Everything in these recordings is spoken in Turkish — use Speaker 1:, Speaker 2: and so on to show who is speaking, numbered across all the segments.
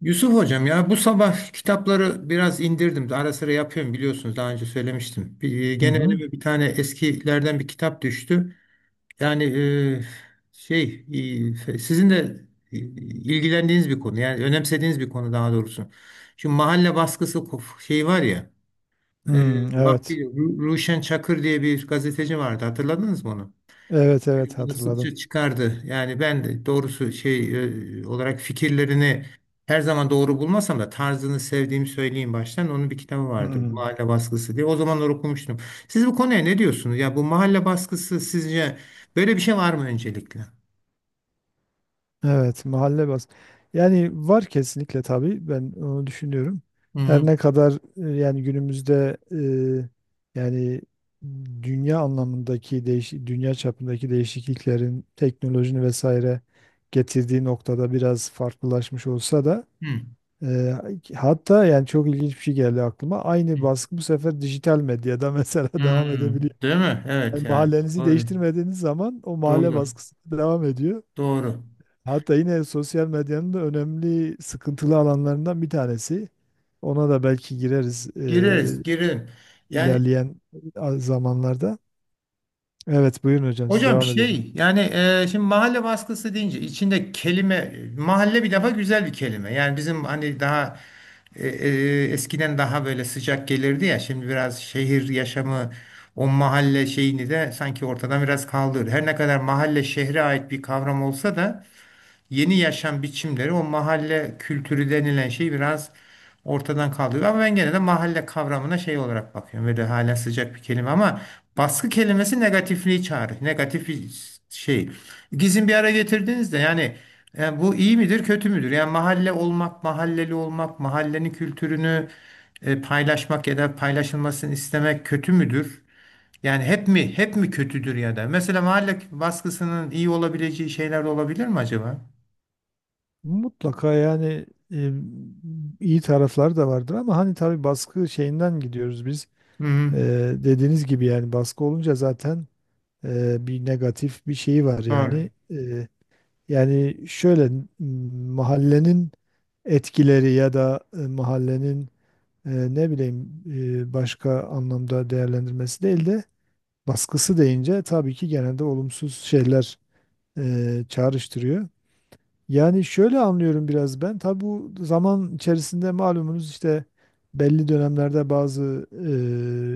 Speaker 1: Yusuf hocam ya bu sabah kitapları biraz indirdim. Ara sıra yapıyorum, biliyorsunuz, daha önce söylemiştim.
Speaker 2: Hı
Speaker 1: Gene
Speaker 2: hı.
Speaker 1: önüme bir tane eskilerden bir kitap düştü. Yani şey, sizin de ilgilendiğiniz bir konu, yani önemsediğiniz bir konu daha doğrusu. Şu mahalle baskısı şeyi var ya, e,
Speaker 2: Hmm, evet.
Speaker 1: vaktiyle Ruşen Çakır diye bir gazeteci vardı, hatırladınız mı onu?
Speaker 2: Evet, evet,
Speaker 1: Bunu
Speaker 2: hatırladım.
Speaker 1: sıkça çıkardı. Yani ben de doğrusu şey, olarak fikirlerini her zaman doğru bulmasam da tarzını sevdiğimi söyleyeyim baştan. Onun bir kitabı vardı.
Speaker 2: Hmm,
Speaker 1: Mahalle baskısı diye. O zamanlar okumuştum. Siz bu konuya ne diyorsunuz? Ya bu mahalle baskısı sizce böyle bir şey var mı öncelikle?
Speaker 2: evet. mahalle bas. Yani var kesinlikle, tabii ben onu düşünüyorum.
Speaker 1: Hı
Speaker 2: Her
Speaker 1: hı.
Speaker 2: ne kadar yani günümüzde yani dünya çapındaki değişikliklerin, teknolojinin vesaire getirdiği noktada biraz farklılaşmış olsa da,
Speaker 1: Hı.
Speaker 2: e, hatta yani çok ilginç bir şey geldi aklıma.
Speaker 1: Hı.
Speaker 2: Aynı baskı bu sefer dijital medyada mesela
Speaker 1: Hı.
Speaker 2: devam edebiliyor.
Speaker 1: Değil mi? Evet
Speaker 2: Yani
Speaker 1: yani.
Speaker 2: mahallenizi
Speaker 1: Doğru.
Speaker 2: değiştirmediğiniz zaman o mahalle
Speaker 1: Doğru.
Speaker 2: baskısı devam ediyor.
Speaker 1: Doğru.
Speaker 2: Hatta yine sosyal medyanın da önemli sıkıntılı alanlarından bir tanesi. Ona da belki gireriz,
Speaker 1: Gireriz, girin. Yani,
Speaker 2: ilerleyen zamanlarda. Evet, buyurun hocam, siz
Speaker 1: hocam
Speaker 2: devam edeceğim.
Speaker 1: şey yani, şimdi mahalle baskısı deyince içinde kelime mahalle bir defa güzel bir kelime. Yani bizim hani daha eskiden daha böyle sıcak gelirdi ya, şimdi biraz şehir yaşamı o mahalle şeyini de sanki ortadan biraz kaldırdı. Her ne kadar mahalle şehre ait bir kavram olsa da yeni yaşam biçimleri o mahalle kültürü denilen şey biraz ortadan kaldırıyor. Ama ben gene de mahalle kavramına şey olarak bakıyorum. Böyle hala sıcak bir kelime ama baskı kelimesi negatifliği çağırır. Negatif bir şey. İkisini bir ara getirdiğinizde yani, yani bu iyi midir kötü müdür? Yani mahalle olmak, mahalleli olmak, mahallenin kültürünü paylaşmak ya da paylaşılmasını istemek kötü müdür? Yani hep mi hep mi kötüdür ya da? Mesela mahalle baskısının iyi olabileceği şeyler de olabilir mi acaba?
Speaker 2: Mutlaka yani, e, iyi tarafları da vardır, ama hani tabii baskı şeyinden gidiyoruz biz.
Speaker 1: Hı hı.
Speaker 2: E, Dediğiniz gibi yani baskı olunca zaten bir negatif bir şeyi var
Speaker 1: Doğru.
Speaker 2: yani. Yani şöyle mahallenin etkileri ya da mahallenin, ne bileyim, başka anlamda değerlendirmesi değil de, baskısı deyince tabii ki genelde olumsuz şeyler çağrıştırıyor. Yani şöyle anlıyorum biraz ben. Tabii bu zaman içerisinde malumunuz işte belli dönemlerde bazı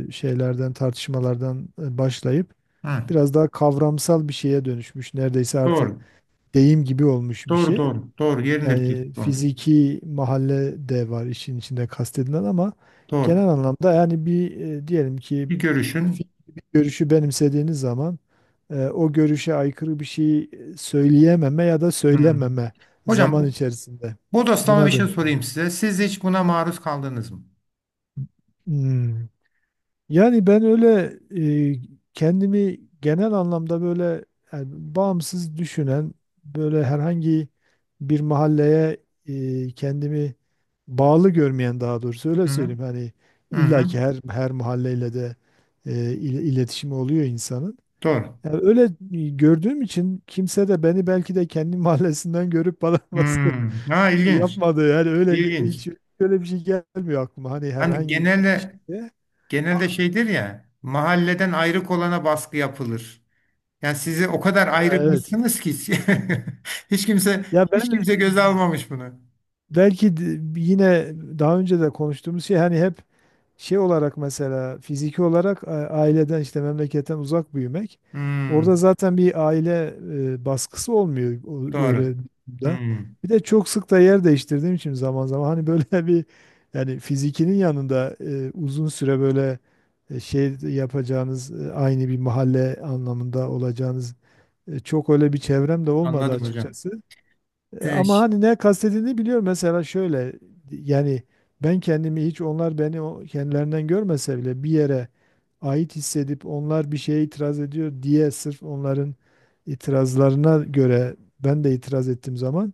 Speaker 2: şeylerden, tartışmalardan başlayıp
Speaker 1: Hı.
Speaker 2: biraz daha kavramsal bir şeye dönüşmüş. Neredeyse artık
Speaker 1: Doğru.
Speaker 2: deyim gibi olmuş bir
Speaker 1: Doğru
Speaker 2: şey.
Speaker 1: doğru. Doğru. Yerinde bir
Speaker 2: Yani
Speaker 1: tespit olmuş.
Speaker 2: fiziki mahalle de var işin içinde kastedilen, ama
Speaker 1: Doğru.
Speaker 2: genel anlamda yani bir, diyelim ki
Speaker 1: Bir görüşün.
Speaker 2: fikri, bir görüşü benimsediğiniz zaman o görüşe aykırı bir şey söyleyememe ya da
Speaker 1: Hı.
Speaker 2: söylememe
Speaker 1: Hocam,
Speaker 2: zaman
Speaker 1: bu
Speaker 2: içerisinde
Speaker 1: bodoslama bir
Speaker 2: buna
Speaker 1: şey
Speaker 2: dönüşmesi.
Speaker 1: sorayım size. Siz hiç buna maruz kaldınız mı?
Speaker 2: Hmm. Yani ben öyle e, kendimi genel anlamda böyle, yani bağımsız düşünen, böyle herhangi bir mahalleye kendimi bağlı görmeyen, daha doğrusu öyle
Speaker 1: Hı hı.
Speaker 2: söyleyeyim. Hani
Speaker 1: Hı
Speaker 2: illa
Speaker 1: hı.
Speaker 2: ki her mahalleyle de iletişimi oluyor insanın.
Speaker 1: Doğru.
Speaker 2: Yani öyle gördüğüm için kimse de beni, belki de kendi mahallesinden görüp bana
Speaker 1: Hı.
Speaker 2: baskı
Speaker 1: Ha, ilginç.
Speaker 2: yapmadı. Yani öyle
Speaker 1: İlginç.
Speaker 2: hiç öyle bir şey gelmiyor aklıma. Hani
Speaker 1: Hani
Speaker 2: herhangi bir
Speaker 1: genelde
Speaker 2: şeyde.
Speaker 1: şeydir ya mahalleden ayrık olana baskı yapılır. Yani sizi o kadar
Speaker 2: Evet.
Speaker 1: ayrıkmışsınız ki hiç, kimse
Speaker 2: Ya
Speaker 1: hiç
Speaker 2: ben
Speaker 1: kimse göze almamış bunu.
Speaker 2: belki de yine daha önce de konuştuğumuz şey, hani hep şey olarak mesela fiziki olarak aileden, işte memleketten uzak büyümek.
Speaker 1: Hı.
Speaker 2: Orada zaten bir aile baskısı olmuyor öyle
Speaker 1: Doğru. Hı.
Speaker 2: da. Bir de çok sık da yer değiştirdiğim için, zaman zaman hani böyle bir, yani fizikinin yanında uzun süre böyle şey yapacağınız, aynı bir mahalle anlamında olacağınız, çok öyle bir çevrem de olmadı
Speaker 1: Anladım hocam.
Speaker 2: açıkçası.
Speaker 1: Ee,
Speaker 2: Ama
Speaker 1: ş-
Speaker 2: hani ne kastedildiğini biliyorum. Mesela şöyle, yani ben kendimi hiç, onlar beni kendilerinden görmese bile, bir yere ait hissedip, onlar bir şeye itiraz ediyor diye sırf onların itirazlarına göre ben de itiraz ettiğim zaman,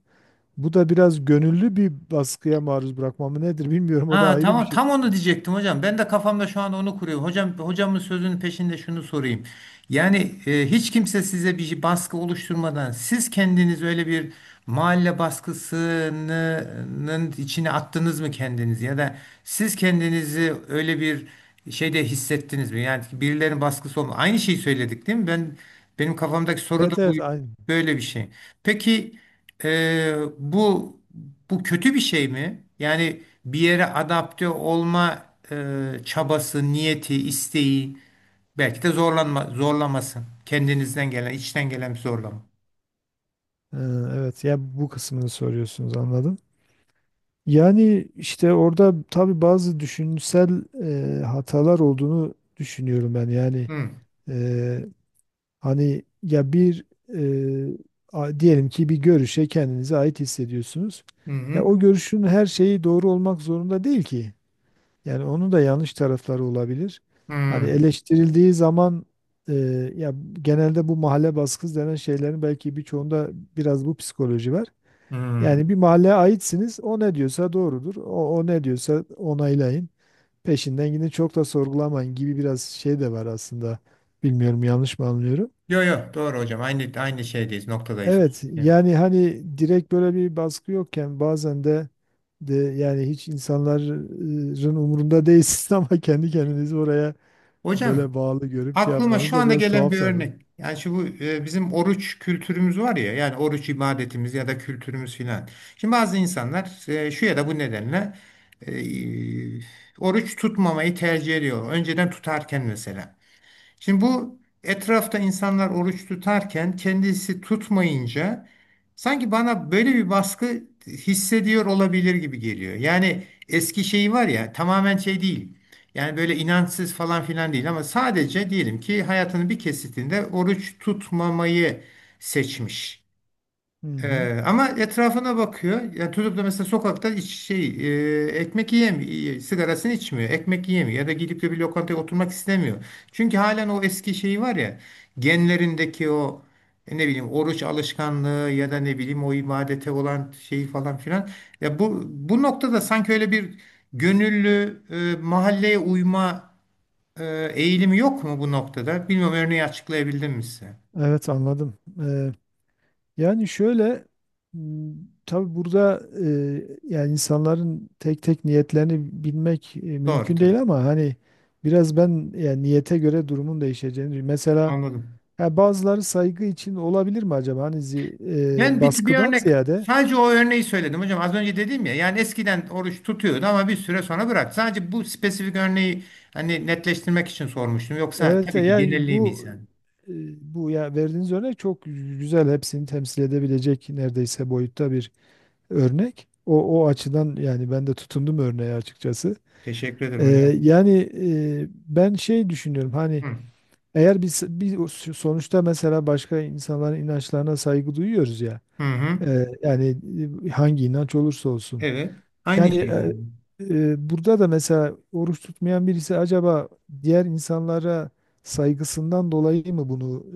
Speaker 2: bu da biraz gönüllü bir baskıya maruz bırakmamı, nedir bilmiyorum. O da
Speaker 1: ha
Speaker 2: ayrı bir
Speaker 1: tamam,
Speaker 2: şey.
Speaker 1: tam onu diyecektim hocam. Ben de kafamda şu an onu kuruyorum. Hocam, hocamın sözünün peşinde şunu sorayım. Yani hiç kimse size bir baskı oluşturmadan siz kendiniz öyle bir mahalle baskısının içine attınız mı kendinizi ya da siz kendinizi öyle bir şeyde hissettiniz mi? Yani birilerinin baskısı olma. Aynı şeyi söyledik değil mi? Benim kafamdaki soru da
Speaker 2: Evet,
Speaker 1: bu.
Speaker 2: evet, aynı.
Speaker 1: Böyle bir şey. Peki e, bu bu kötü bir şey mi? Yani bir yere adapte olma çabası, niyeti, isteği, belki de zorlanma, zorlaması. Kendinizden gelen, içten gelen bir zorlama.
Speaker 2: Ee, Evet, ya bu kısmını soruyorsunuz, anladım. Yani işte orada tabii bazı düşünsel hatalar olduğunu düşünüyorum ben. Yani
Speaker 1: Hı
Speaker 2: e, hani ya bir, e, diyelim ki bir görüşe kendinize ait hissediyorsunuz.
Speaker 1: hı
Speaker 2: Ya
Speaker 1: hı.
Speaker 2: o görüşün her şeyi doğru olmak zorunda değil ki. Yani onun da yanlış tarafları olabilir. Hani
Speaker 1: Hı,
Speaker 2: eleştirildiği zaman, e, ya genelde bu mahalle baskısı denen şeylerin belki birçoğunda biraz bu psikoloji var.
Speaker 1: hı.
Speaker 2: Yani bir mahalleye aitsiniz. O ne diyorsa doğrudur. O ne diyorsa onaylayın. Peşinden gidin, çok da sorgulamayın gibi biraz şey de var aslında. Bilmiyorum, yanlış mı anlıyorum?
Speaker 1: Yo yo, doğru hocam. Aynı aynı şeydeyiz, noktadayız.
Speaker 2: Evet
Speaker 1: Ya.
Speaker 2: yani, hani direkt böyle bir baskı yokken bazen de yani hiç insanların umurunda değilsiniz, ama kendi kendinizi oraya böyle
Speaker 1: Hocam,
Speaker 2: bağlı görüp şey
Speaker 1: aklıma
Speaker 2: yapmanız
Speaker 1: şu
Speaker 2: da
Speaker 1: anda
Speaker 2: biraz
Speaker 1: gelen
Speaker 2: tuhaf
Speaker 1: bir
Speaker 2: tabii.
Speaker 1: örnek. Yani şu bu, bizim oruç kültürümüz var ya, yani oruç ibadetimiz ya da kültürümüz filan. Şimdi bazı insanlar şu ya da bu nedenle e, oruç tutmamayı tercih ediyor. Önceden tutarken mesela. Şimdi bu etrafta insanlar oruç tutarken kendisi tutmayınca sanki bana böyle bir baskı hissediyor olabilir gibi geliyor. Yani eski şeyi var ya, tamamen şey değil. Yani böyle inançsız falan filan değil ama sadece diyelim ki hayatının bir kesitinde oruç tutmamayı seçmiş.
Speaker 2: Hı hı.
Speaker 1: Ama etrafına bakıyor. Yani tutup da mesela sokakta şey, ekmek yiyemiyor, sigarasını içmiyor, ekmek yiyemiyor ya da gidip de bir lokantaya oturmak istemiyor. Çünkü halen o eski şeyi var ya, genlerindeki o ne bileyim, oruç alışkanlığı ya da ne bileyim o ibadete olan şeyi falan filan. Ya bu noktada sanki öyle bir gönüllü mahalleye uyma eğilimi yok mu bu noktada? Bilmiyorum, örneği açıklayabildim mi size?
Speaker 2: Evet, anladım. Yani şöyle, m, tabii burada yani insanların tek tek niyetlerini bilmek
Speaker 1: Doğru
Speaker 2: mümkün
Speaker 1: tabii.
Speaker 2: değil, ama hani biraz ben yani niyete göre durumun değişeceğini, mesela,
Speaker 1: Anladım.
Speaker 2: ya bazıları saygı için olabilir mi acaba, hani
Speaker 1: Bir
Speaker 2: baskıdan
Speaker 1: örnek,
Speaker 2: ziyade.
Speaker 1: sadece o örneği söyledim hocam. Az önce dedim ya, yani eskiden oruç tutuyordu ama bir süre sonra bırak. Sadece bu spesifik örneği hani netleştirmek için sormuştum. Yoksa
Speaker 2: Evet,
Speaker 1: tabii ki
Speaker 2: yani
Speaker 1: genelliğim iyi sen.
Speaker 2: e, bu ya verdiğiniz örnek çok güzel, hepsini temsil edebilecek neredeyse boyutta bir örnek. O açıdan yani ben de tutundum örneğe açıkçası.
Speaker 1: Teşekkür
Speaker 2: Ee,
Speaker 1: ederim hocam.
Speaker 2: Yani e, ben şey düşünüyorum, hani
Speaker 1: Hı.
Speaker 2: eğer biz o sonuçta, mesela, başka insanların inançlarına saygı duyuyoruz ya.
Speaker 1: Hı hı.
Speaker 2: Yani hangi inanç olursa olsun
Speaker 1: Evet. Aynı
Speaker 2: yani,
Speaker 1: şey yani.
Speaker 2: burada da mesela oruç tutmayan birisi acaba diğer insanlara saygısından dolayı mı bunu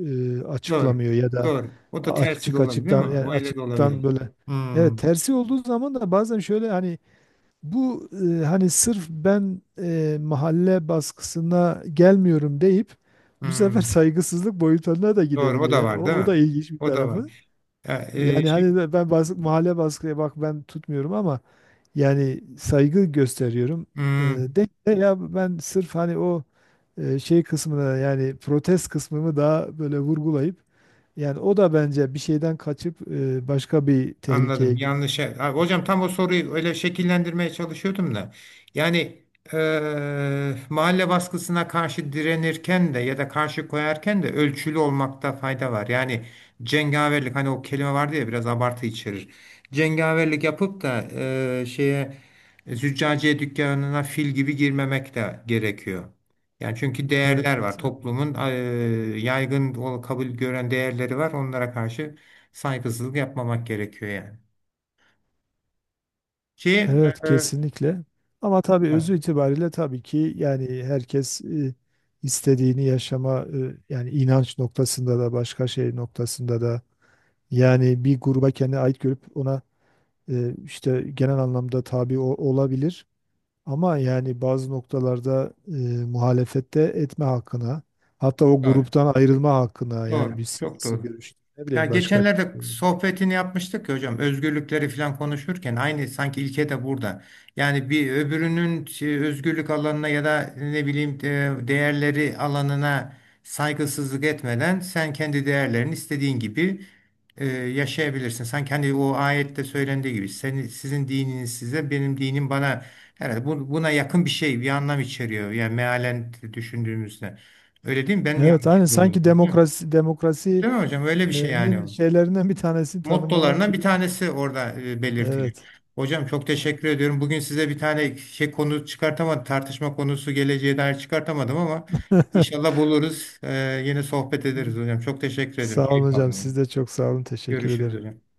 Speaker 1: Doğru.
Speaker 2: açıklamıyor, ya da
Speaker 1: Doğru. O da tersi de olabilir mi?
Speaker 2: açıktan, yani
Speaker 1: O öyle de
Speaker 2: açıktan
Speaker 1: olabilir.
Speaker 2: böyle. Evet,
Speaker 1: Hmm.
Speaker 2: tersi olduğu zaman da bazen şöyle hani bu, hani sırf ben mahalle baskısına gelmiyorum deyip, bu sefer
Speaker 1: Hmm.
Speaker 2: saygısızlık boyutlarına da
Speaker 1: Doğru. O
Speaker 2: gidebiliyor.
Speaker 1: da
Speaker 2: Yani
Speaker 1: var
Speaker 2: o,
Speaker 1: değil
Speaker 2: o da
Speaker 1: mi?
Speaker 2: ilginç bir
Speaker 1: O da
Speaker 2: tarafı.
Speaker 1: var. Ya,
Speaker 2: Yani
Speaker 1: şimdi,
Speaker 2: hani de ben, mahalle baskıya bak, ben tutmuyorum ama yani saygı gösteriyorum. De ya ben sırf hani o, şey kısmına, yani protest kısmımı daha böyle vurgulayıp, yani o da bence bir şeyden kaçıp başka bir tehlikeye
Speaker 1: anladım.
Speaker 2: gidiyor.
Speaker 1: Yanlış. Abi, hocam, tam o soruyu öyle şekillendirmeye çalışıyordum da. Yani mahalle baskısına karşı direnirken de ya da karşı koyarken de ölçülü olmakta fayda var. Yani cengaverlik, hani o kelime vardı ya, biraz abartı içerir. Cengaverlik yapıp da şeye, züccaciye dükkanına fil gibi girmemek de gerekiyor. Yani çünkü değerler var.
Speaker 2: Evet.
Speaker 1: Toplumun yaygın kabul gören değerleri var. Onlara karşı saygısızlık yapmamak gerekiyor yani. Ki
Speaker 2: Evet,
Speaker 1: e,
Speaker 2: kesinlikle. Ama tabii özü
Speaker 1: evet,
Speaker 2: itibariyle tabii ki yani herkes istediğini yaşama, yani inanç noktasında da, başka şey noktasında da, yani bir gruba kendine ait görüp ona işte, genel anlamda tabi olabilir. Ama yani bazı noktalarda muhalefet etme hakkına, hatta o
Speaker 1: doğru,
Speaker 2: gruptan ayrılma hakkına, yani
Speaker 1: doğru,
Speaker 2: bir
Speaker 1: çok
Speaker 2: siyasi
Speaker 1: doğru.
Speaker 2: görüş, ne
Speaker 1: Ya
Speaker 2: bileyim başka.
Speaker 1: geçenlerde
Speaker 2: bir-
Speaker 1: sohbetini yapmıştık ya hocam, özgürlükleri falan konuşurken aynı sanki ilke de burada. Yani bir öbürünün şey, özgürlük alanına ya da ne bileyim değerleri alanına saygısızlık etmeden sen kendi değerlerini istediğin gibi yaşayabilirsin. Sanki hani o ayette söylendiği gibi, senin sizin dininiz size benim dinim bana, herhalde buna yakın bir şey bir anlam içeriyor. Yani mealen düşündüğümüzde. Öyle değil mi? Ben mi
Speaker 2: Evet,
Speaker 1: yanlış
Speaker 2: aynı sanki
Speaker 1: yorumluyorum?
Speaker 2: demokrasi
Speaker 1: Değil mi hocam? Öyle
Speaker 2: e,
Speaker 1: bir şey yani,
Speaker 2: nin
Speaker 1: o
Speaker 2: şeylerinden bir tanesini tanımlamak
Speaker 1: mottolarından bir
Speaker 2: gibi.
Speaker 1: tanesi orada belirtili.
Speaker 2: Evet.
Speaker 1: Hocam, çok teşekkür ediyorum. Bugün size bir tane şey konu çıkartamadım, tartışma konusu geleceğe dair çıkartamadım ama inşallah buluruz. Yine sohbet ederiz hocam. Çok teşekkür ediyorum.
Speaker 2: Sağ olun
Speaker 1: Keyif
Speaker 2: hocam.
Speaker 1: aldım. Yani.
Speaker 2: Siz de çok sağ olun. Teşekkür
Speaker 1: Görüşürüz
Speaker 2: ederim.
Speaker 1: hocam.